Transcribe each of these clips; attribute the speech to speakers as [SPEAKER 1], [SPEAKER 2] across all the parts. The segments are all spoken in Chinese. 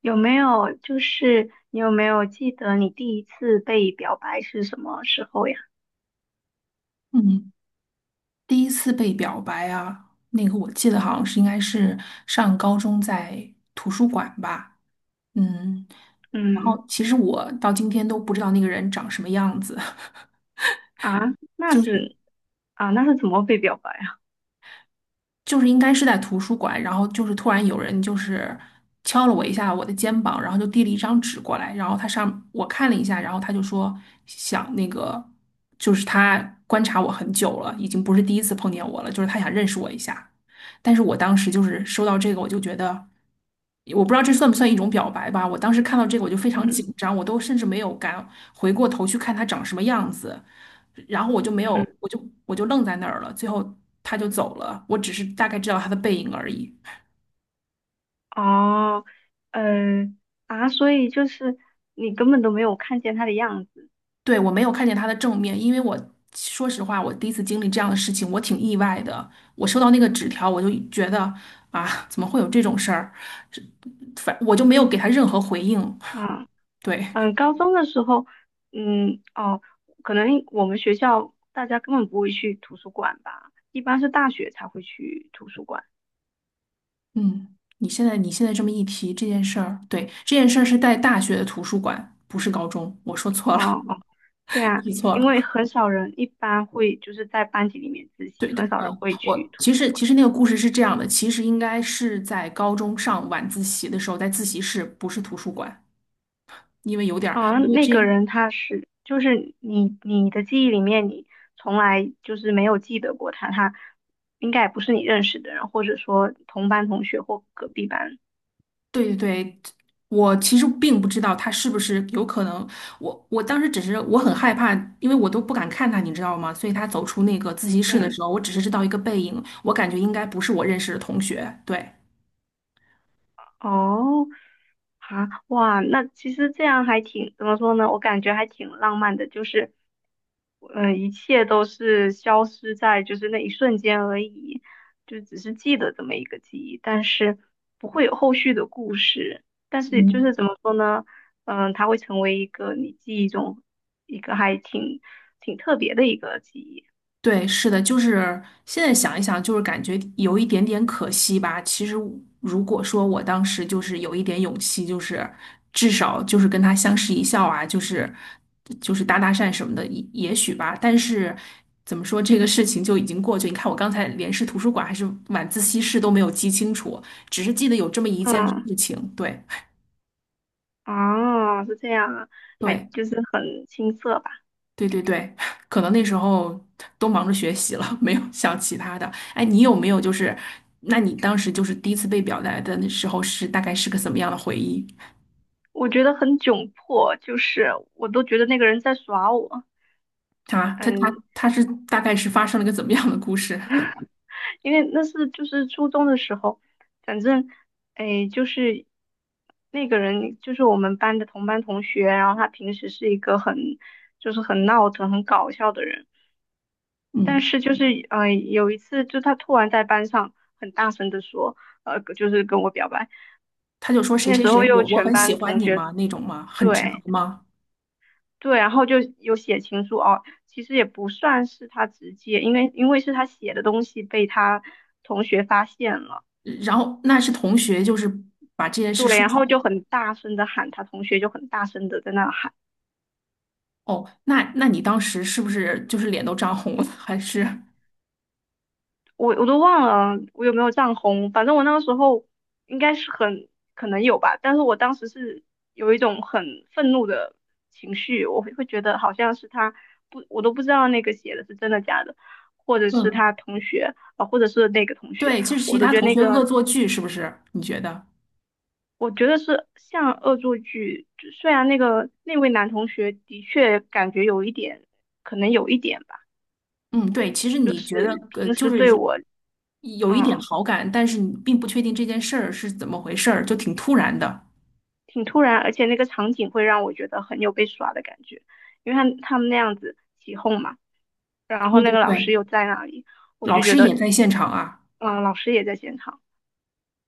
[SPEAKER 1] 有没有就是你有没有记得你第一次被表白是什么时候呀？
[SPEAKER 2] 嗯，第一次被表白啊，那个我记得好像是应该是上高中在图书馆吧，嗯，然
[SPEAKER 1] 嗯
[SPEAKER 2] 后其实我到今天都不知道那个人长什么样子。
[SPEAKER 1] 啊，那是啊，那是怎么被表白啊？
[SPEAKER 2] 就是应该是在图书馆，然后就是突然有人敲了我一下我的肩膀，然后就递了一张纸过来，然后他上我看了一下，然后他就说想那个，就是他观察我很久了，已经不是第一次碰见我了，就是他想认识我一下。但是我当时就是收到这个，我就觉得我不知道这算不算一种表白吧。我当时看到这个我就非常
[SPEAKER 1] 嗯
[SPEAKER 2] 紧张，我都甚至没有敢回过头去看他长什么样子。然后我就没有，
[SPEAKER 1] 嗯
[SPEAKER 2] 我就愣在那儿了。最后他就走了，我只是大概知道他的背影而已。
[SPEAKER 1] 哦，呃啊，所以就是你根本都没有看见他的样子
[SPEAKER 2] 对，我没有看见他的正面，因为我说实话，我第一次经历这样的事情，我挺意外的。我收到那个纸条，我就觉得啊，怎么会有这种事儿？是，反我就没有给他任何回应。
[SPEAKER 1] 啊。
[SPEAKER 2] 对，
[SPEAKER 1] 嗯，高中的时候，嗯哦，可能我们学校大家根本不会去图书馆吧，一般是大学才会去图书馆。
[SPEAKER 2] 嗯，你现在这么一提这件事儿，对，这件事儿是在大学的图书馆，不是高中，我说错了。
[SPEAKER 1] 哦对 啊，
[SPEAKER 2] 记错
[SPEAKER 1] 因为
[SPEAKER 2] 了。
[SPEAKER 1] 很少人一般会就是在班级里面自习，
[SPEAKER 2] 对，
[SPEAKER 1] 很少人
[SPEAKER 2] 嗯，
[SPEAKER 1] 会去
[SPEAKER 2] 我
[SPEAKER 1] 图
[SPEAKER 2] 其
[SPEAKER 1] 书
[SPEAKER 2] 实
[SPEAKER 1] 馆。
[SPEAKER 2] 其实那个故事是这样的，其实应该是在高中上晚自习的时候，在自习室，不是图书馆，因为有点儿，
[SPEAKER 1] 嗯，
[SPEAKER 2] 因为
[SPEAKER 1] 那
[SPEAKER 2] 这，
[SPEAKER 1] 个人他是，就是你的记忆里面，你从来就是没有记得过他，他应该也不是你认识的人，或者说同班同学或隔壁班。
[SPEAKER 2] 对对对，我其实并不知道他是不是有可能，我当时只是我很害怕，因为我都不敢看他，你知道吗？所以他走出那个自习室的
[SPEAKER 1] 嗯。
[SPEAKER 2] 时候，我只是知道一个背影，我感觉应该不是我认识的同学，对。
[SPEAKER 1] 哦，啊，哇，那其实这样还挺，怎么说呢？我感觉还挺浪漫的，就是，嗯，一切都是消失在就是那一瞬间而已，就只是记得这么一个记忆，但是不会有后续的故事。但是就
[SPEAKER 2] 嗯。
[SPEAKER 1] 是怎么说呢？嗯、它会成为一个你记忆中一个挺特别的一个记忆。
[SPEAKER 2] 对，是的，就是现在想一想，就是感觉有一点点可惜吧。其实我如果说我当时就是有一点勇气，就是至少就是跟他相视一笑啊，就是搭搭讪什么的，也也许吧。但是怎么说，这个事情就已经过去。你看，我刚才连是图书馆还是晚自习室都没有记清楚，只是记得有这么一件
[SPEAKER 1] 嗯，
[SPEAKER 2] 事情。对
[SPEAKER 1] 啊，是这样啊，还
[SPEAKER 2] 对。
[SPEAKER 1] 就是很青涩吧。
[SPEAKER 2] 对对对，可能那时候都忙着学习了，没有想其他的。哎，你有没有就是，那你当时就是第一次被表白的那时候是大概是个怎么样的回忆
[SPEAKER 1] 我觉得很窘迫，就是我都觉得那个人在耍我，
[SPEAKER 2] 啊？他
[SPEAKER 1] 嗯，
[SPEAKER 2] 他他是大概是发生了个怎么样的故事？
[SPEAKER 1] 因为那是就是初中的时候，反正，哎，就是那个人就是我们班的同班同学，然后他平时是一个很就是很闹腾、很搞笑的人，但
[SPEAKER 2] 嗯，
[SPEAKER 1] 是就是嗯，有一次就他突然在班上很大声的说，就是跟我表白，
[SPEAKER 2] 他就说谁
[SPEAKER 1] 那
[SPEAKER 2] 谁
[SPEAKER 1] 时
[SPEAKER 2] 谁，
[SPEAKER 1] 候又
[SPEAKER 2] 我
[SPEAKER 1] 全
[SPEAKER 2] 很喜
[SPEAKER 1] 班
[SPEAKER 2] 欢
[SPEAKER 1] 同
[SPEAKER 2] 你
[SPEAKER 1] 学。
[SPEAKER 2] 吗？那种吗？很直白
[SPEAKER 1] 对，
[SPEAKER 2] 吗？嗯，
[SPEAKER 1] 对，然后就有写情书哦，其实也不算是他直接，因为是他写的东西被他同学发现了，
[SPEAKER 2] 然后那是同学，就是把这件事
[SPEAKER 1] 对，
[SPEAKER 2] 说
[SPEAKER 1] 然
[SPEAKER 2] 出来。
[SPEAKER 1] 后就很大声的喊他同学，就很大声的在那喊，
[SPEAKER 2] 哦，那那你当时是不是就是脸都涨红了？还是
[SPEAKER 1] 我都忘了我有没有涨红，反正我那个时候应该是很可能有吧，但是我当时是有一种很愤怒的情绪，我会觉得好像是他不，我都不知道那个写的是真的假的，或者是
[SPEAKER 2] 嗯，
[SPEAKER 1] 他同学啊、或者是那个同学。
[SPEAKER 2] 对，就是其
[SPEAKER 1] 我都
[SPEAKER 2] 他
[SPEAKER 1] 觉得
[SPEAKER 2] 同
[SPEAKER 1] 那
[SPEAKER 2] 学恶
[SPEAKER 1] 个
[SPEAKER 2] 作剧，是不是？你觉得？
[SPEAKER 1] 我觉得是像恶作剧，就虽然那个那位男同学的确感觉有一点，可能有一点吧，
[SPEAKER 2] 嗯，对，其实
[SPEAKER 1] 就
[SPEAKER 2] 你觉得
[SPEAKER 1] 是平
[SPEAKER 2] 就
[SPEAKER 1] 时
[SPEAKER 2] 是
[SPEAKER 1] 对
[SPEAKER 2] 如
[SPEAKER 1] 我，
[SPEAKER 2] 有一点
[SPEAKER 1] 嗯，
[SPEAKER 2] 好感，但是你并不确定这件事儿是怎么回事儿，就挺突然的。
[SPEAKER 1] 挺突然，而且那个场景会让我觉得很有被耍的感觉，因为他们那样子起哄嘛，然后
[SPEAKER 2] 对
[SPEAKER 1] 那
[SPEAKER 2] 对
[SPEAKER 1] 个老师
[SPEAKER 2] 对，
[SPEAKER 1] 又在那里，我
[SPEAKER 2] 老
[SPEAKER 1] 就觉
[SPEAKER 2] 师也
[SPEAKER 1] 得，
[SPEAKER 2] 在现场啊。
[SPEAKER 1] 嗯，老师也在现场，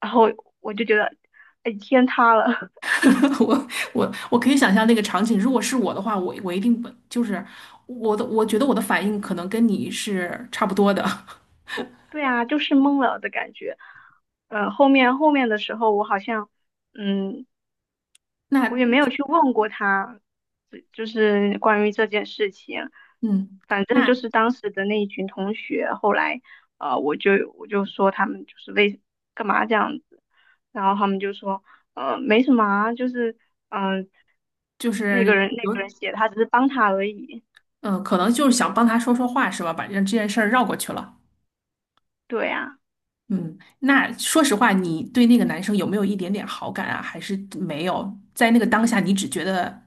[SPEAKER 1] 然后我就觉得，哎，天塌了，
[SPEAKER 2] 我我可以想象那个场景，如果是我的话，我一定不就是我的，我觉得我的反应可能跟你是差不多的。
[SPEAKER 1] 对啊，就是懵了的感觉，后面的时候我好像。嗯，
[SPEAKER 2] 那
[SPEAKER 1] 我也没有去问过他，就是关于这件事情。
[SPEAKER 2] 嗯，
[SPEAKER 1] 反正就
[SPEAKER 2] 那
[SPEAKER 1] 是当时的那一群同学，后来呃，我就我就说他们就是为干嘛这样子，然后他们就说没什么啊，就是嗯、呃
[SPEAKER 2] 就
[SPEAKER 1] 那
[SPEAKER 2] 是
[SPEAKER 1] 个人那个
[SPEAKER 2] 有
[SPEAKER 1] 人写的，他只是帮他而已。
[SPEAKER 2] 嗯、可能就是想帮他说说话是吧？把让这件事儿绕过去了。
[SPEAKER 1] 对啊，
[SPEAKER 2] 嗯，那说实话，你对那个男生有没有一点点好感啊？还是没有？在那个当下，你只觉得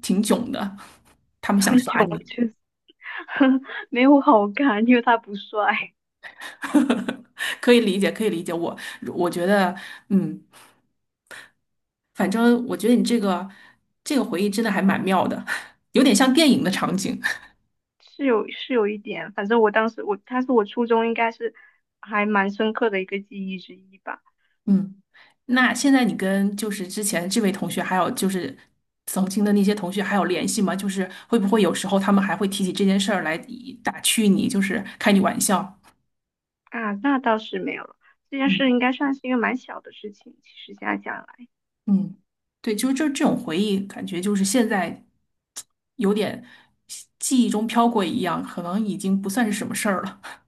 [SPEAKER 2] 挺囧的，他们想
[SPEAKER 1] 很
[SPEAKER 2] 耍
[SPEAKER 1] 囧，
[SPEAKER 2] 你。
[SPEAKER 1] 就是 没有好看，因为他不帅，
[SPEAKER 2] 可以理解，可以理解。我我觉得，嗯，反正我觉得你这个这个回忆真的还蛮妙的。有点像电影的场景。
[SPEAKER 1] 是有是有一点。反正我当时我他是我初中应该是还蛮深刻的一个记忆之一吧。
[SPEAKER 2] 嗯，那现在你跟就是之前这位同学，还有就是曾经的那些同学还有联系吗？就是会不会有时候他们还会提起这件事儿来以打趣你，就是开你玩笑？
[SPEAKER 1] 啊，那倒是没有了。这件事
[SPEAKER 2] 嗯
[SPEAKER 1] 应该算是一个蛮小的事情，其实现在想来，
[SPEAKER 2] 嗯，对，就是这这种回忆，感觉就是现在有点记忆中飘过一样，可能已经不算是什么事儿了。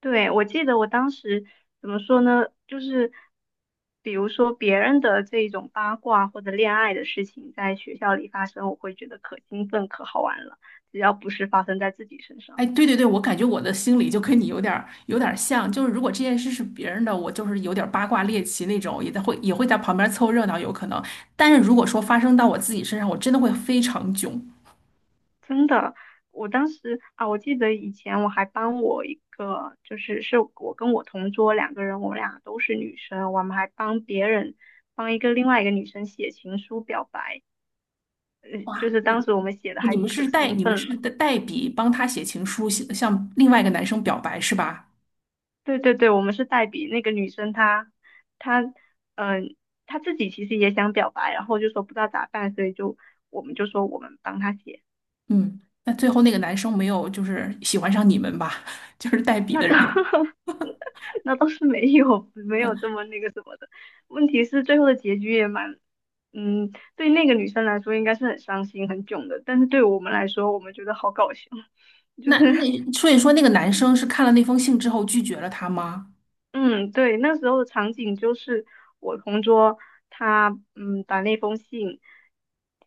[SPEAKER 1] 对，我记得我当时怎么说呢？就是比如说别人的这种八卦或者恋爱的事情在学校里发生，我会觉得可兴奋、可好玩了。只要不是发生在自己身上，
[SPEAKER 2] 哎，对对对，我感觉我的心里就跟你有点儿有点儿像，就是如果这件事是别人的，我就是有点儿八卦猎奇那种，也会在旁边凑热闹，有可能。但是如果说发生到我自己身上，我真的会非常囧。
[SPEAKER 1] 真的，我当时啊，我记得以前我还帮我一个，就是是我跟我同桌两个人，我们俩都是女生，我们还帮别人帮一个另外一个女生写情书表白。嗯，就
[SPEAKER 2] 哇，
[SPEAKER 1] 是
[SPEAKER 2] 你
[SPEAKER 1] 当时我们写的
[SPEAKER 2] 你
[SPEAKER 1] 还
[SPEAKER 2] 们
[SPEAKER 1] 可
[SPEAKER 2] 是代
[SPEAKER 1] 兴
[SPEAKER 2] 你们
[SPEAKER 1] 奋
[SPEAKER 2] 是
[SPEAKER 1] 了。
[SPEAKER 2] 代代笔帮他写情书，写向另外一个男生表白是吧？
[SPEAKER 1] 对对对，我们是代笔，那个女生她嗯、她自己其实也想表白，然后就说不知道咋办，所以就我们就说我们帮她写。
[SPEAKER 2] 嗯，那最后那个男生没有就是喜欢上你们吧。就是代笔
[SPEAKER 1] 那
[SPEAKER 2] 的
[SPEAKER 1] 倒
[SPEAKER 2] 人。
[SPEAKER 1] 那倒是没有没有这么那个什么的。问题是最后的结局也蛮嗯，对那个女生来说应该是很伤心很囧的，但是对我们来说，我们觉得好搞笑，就
[SPEAKER 2] 那
[SPEAKER 1] 是
[SPEAKER 2] 那所以说那个男生是看了那封信之后拒绝了他吗？
[SPEAKER 1] 嗯，对，那时候的场景就是我同桌他把那封信，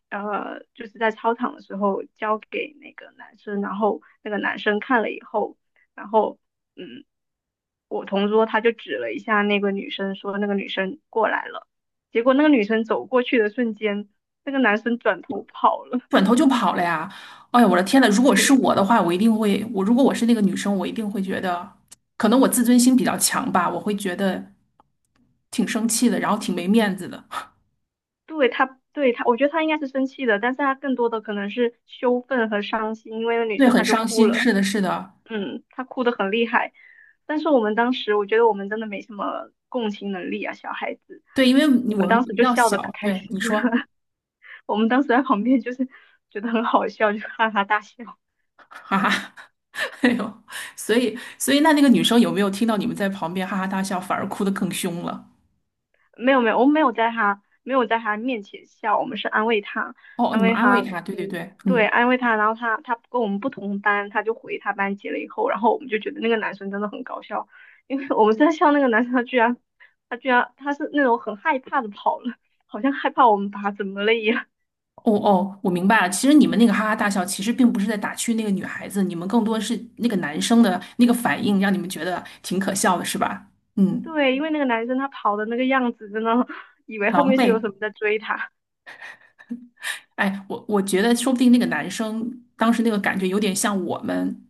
[SPEAKER 1] 就是在操场的时候交给那个男生，然后那个男生看了以后，然后嗯，我同桌他就指了一下那个女生，说那个女生过来了，结果那个女生走过去的瞬间，那个男生转头跑了，
[SPEAKER 2] 转头就跑了呀？哎呀，我的天呐，如果是 我的话，我一定会，我如果我是那个女生，我一定会觉得，可能我自尊心比较强吧，我会觉得挺生气的，然后挺没面子的，
[SPEAKER 1] 对他，对他，我觉得他应该是生气的，但是他更多的可能是羞愤和伤心，因为那女
[SPEAKER 2] 对，
[SPEAKER 1] 生
[SPEAKER 2] 很
[SPEAKER 1] 她就
[SPEAKER 2] 伤
[SPEAKER 1] 哭
[SPEAKER 2] 心。
[SPEAKER 1] 了，
[SPEAKER 2] 是的，是的，
[SPEAKER 1] 嗯，她哭的很厉害。但是我们当时，我觉得我们真的没什么共情能力啊，小孩子，
[SPEAKER 2] 对，因为你
[SPEAKER 1] 我
[SPEAKER 2] 我
[SPEAKER 1] 们
[SPEAKER 2] 们
[SPEAKER 1] 当时
[SPEAKER 2] 比
[SPEAKER 1] 就
[SPEAKER 2] 较
[SPEAKER 1] 笑的可
[SPEAKER 2] 小，
[SPEAKER 1] 开
[SPEAKER 2] 对，
[SPEAKER 1] 心
[SPEAKER 2] 你说。
[SPEAKER 1] 了，我们当时在旁边就是觉得很好笑，就哈哈大笑。
[SPEAKER 2] 哈哈。哎呦，所以那那个女生有没有听到你们在旁边哈哈大笑，反而哭得更凶了？
[SPEAKER 1] 没有没有，我没有在他没有在他面前笑，我们是安慰他，
[SPEAKER 2] 哦，
[SPEAKER 1] 安
[SPEAKER 2] 你们
[SPEAKER 1] 慰
[SPEAKER 2] 安慰
[SPEAKER 1] 他，
[SPEAKER 2] 她，对对
[SPEAKER 1] 嗯，
[SPEAKER 2] 对，
[SPEAKER 1] 对，
[SPEAKER 2] 嗯，
[SPEAKER 1] 安慰他。然后他他跟我们不同班，他就回他班级了以后，然后我们就觉得那个男生真的很搞笑，因为我们在笑那个男生，他居然他是那种很害怕的跑了，好像害怕我们把他怎么了一样。
[SPEAKER 2] 哦哦，我明白了。其实你们那个哈哈大笑，其实并不是在打趣那个女孩子，你们更多是那个男生的那个反应，让你们觉得挺可笑的，是吧？嗯，
[SPEAKER 1] 对，因为那个男生他跑的那个样子，真的以为后
[SPEAKER 2] 狼
[SPEAKER 1] 面是有什
[SPEAKER 2] 狈。
[SPEAKER 1] 么在追他。
[SPEAKER 2] 哎，我我觉得说不定那个男生当时那个感觉有点像我们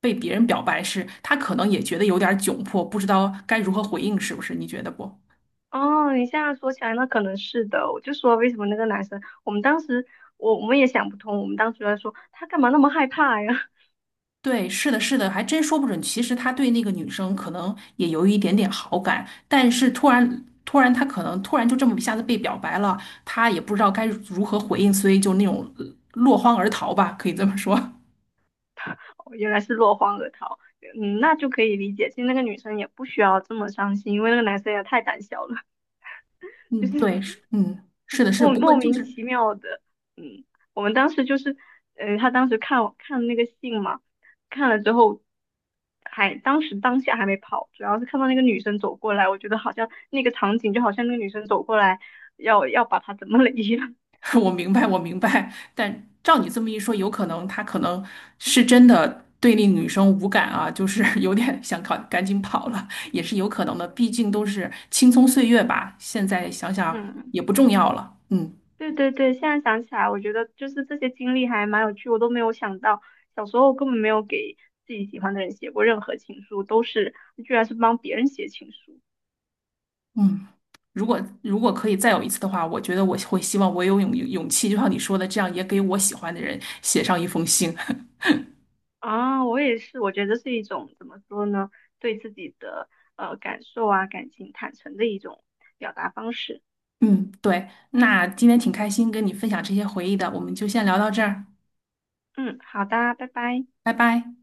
[SPEAKER 2] 被别人表白时，他可能也觉得有点窘迫，不知道该如何回应，是不是？你觉得不？
[SPEAKER 1] 哦，你现在说起来，那可能是的。我就说为什么那个男生，我们当时我们也想不通，我们当时在说他干嘛那么害怕呀？
[SPEAKER 2] 对，是的，是的，还真说不准。其实他对那个女生可能也有一点点好感，但是突然，突然他可能突然就这么一下子被表白了，他也不知道该如何回应，所以就那种落荒而逃吧，可以这么说。
[SPEAKER 1] 哦原来是落荒而逃。嗯，那就可以理解。其实那个女生也不需要这么伤心，因为那个男生也太胆小了，就
[SPEAKER 2] 嗯，
[SPEAKER 1] 是
[SPEAKER 2] 对，是，嗯，是的，是的。
[SPEAKER 1] 莫
[SPEAKER 2] 不过
[SPEAKER 1] 莫
[SPEAKER 2] 就
[SPEAKER 1] 名
[SPEAKER 2] 是，
[SPEAKER 1] 其妙的，嗯，我们当时就是，嗯，他当时看我看那个信嘛，看了之后，还当时当下还没跑，主要是看到那个女生走过来，我觉得好像那个场景就好像那个女生走过来要把他怎么了一样，
[SPEAKER 2] 我明白，我明白。但照你这么一说，有可能他可能是真的对那女生无感啊，就是 有点想赶赶紧跑了，也是有可能的。毕竟都是青葱岁月吧，现在想 想
[SPEAKER 1] 嗯，
[SPEAKER 2] 也不重要了。嗯
[SPEAKER 1] 对对对，现在想起来，我觉得就是这些经历还蛮有趣，我都没有想到，小时候根本没有给自己喜欢的人写过任何情书，都是居然是帮别人写情书。
[SPEAKER 2] 嗯，如果可以再有一次的话，我觉得我会希望我有勇勇气，就像你说的，这样也给我喜欢的人写上一封信。
[SPEAKER 1] 啊，我也是，我觉得是一种怎么说呢，对自己的感受啊、感情坦诚的一种表达方式。
[SPEAKER 2] 嗯，对。那今天挺开心跟你分享这些回忆的，我们就先聊到这儿，
[SPEAKER 1] 嗯，好的，拜拜。
[SPEAKER 2] 拜拜。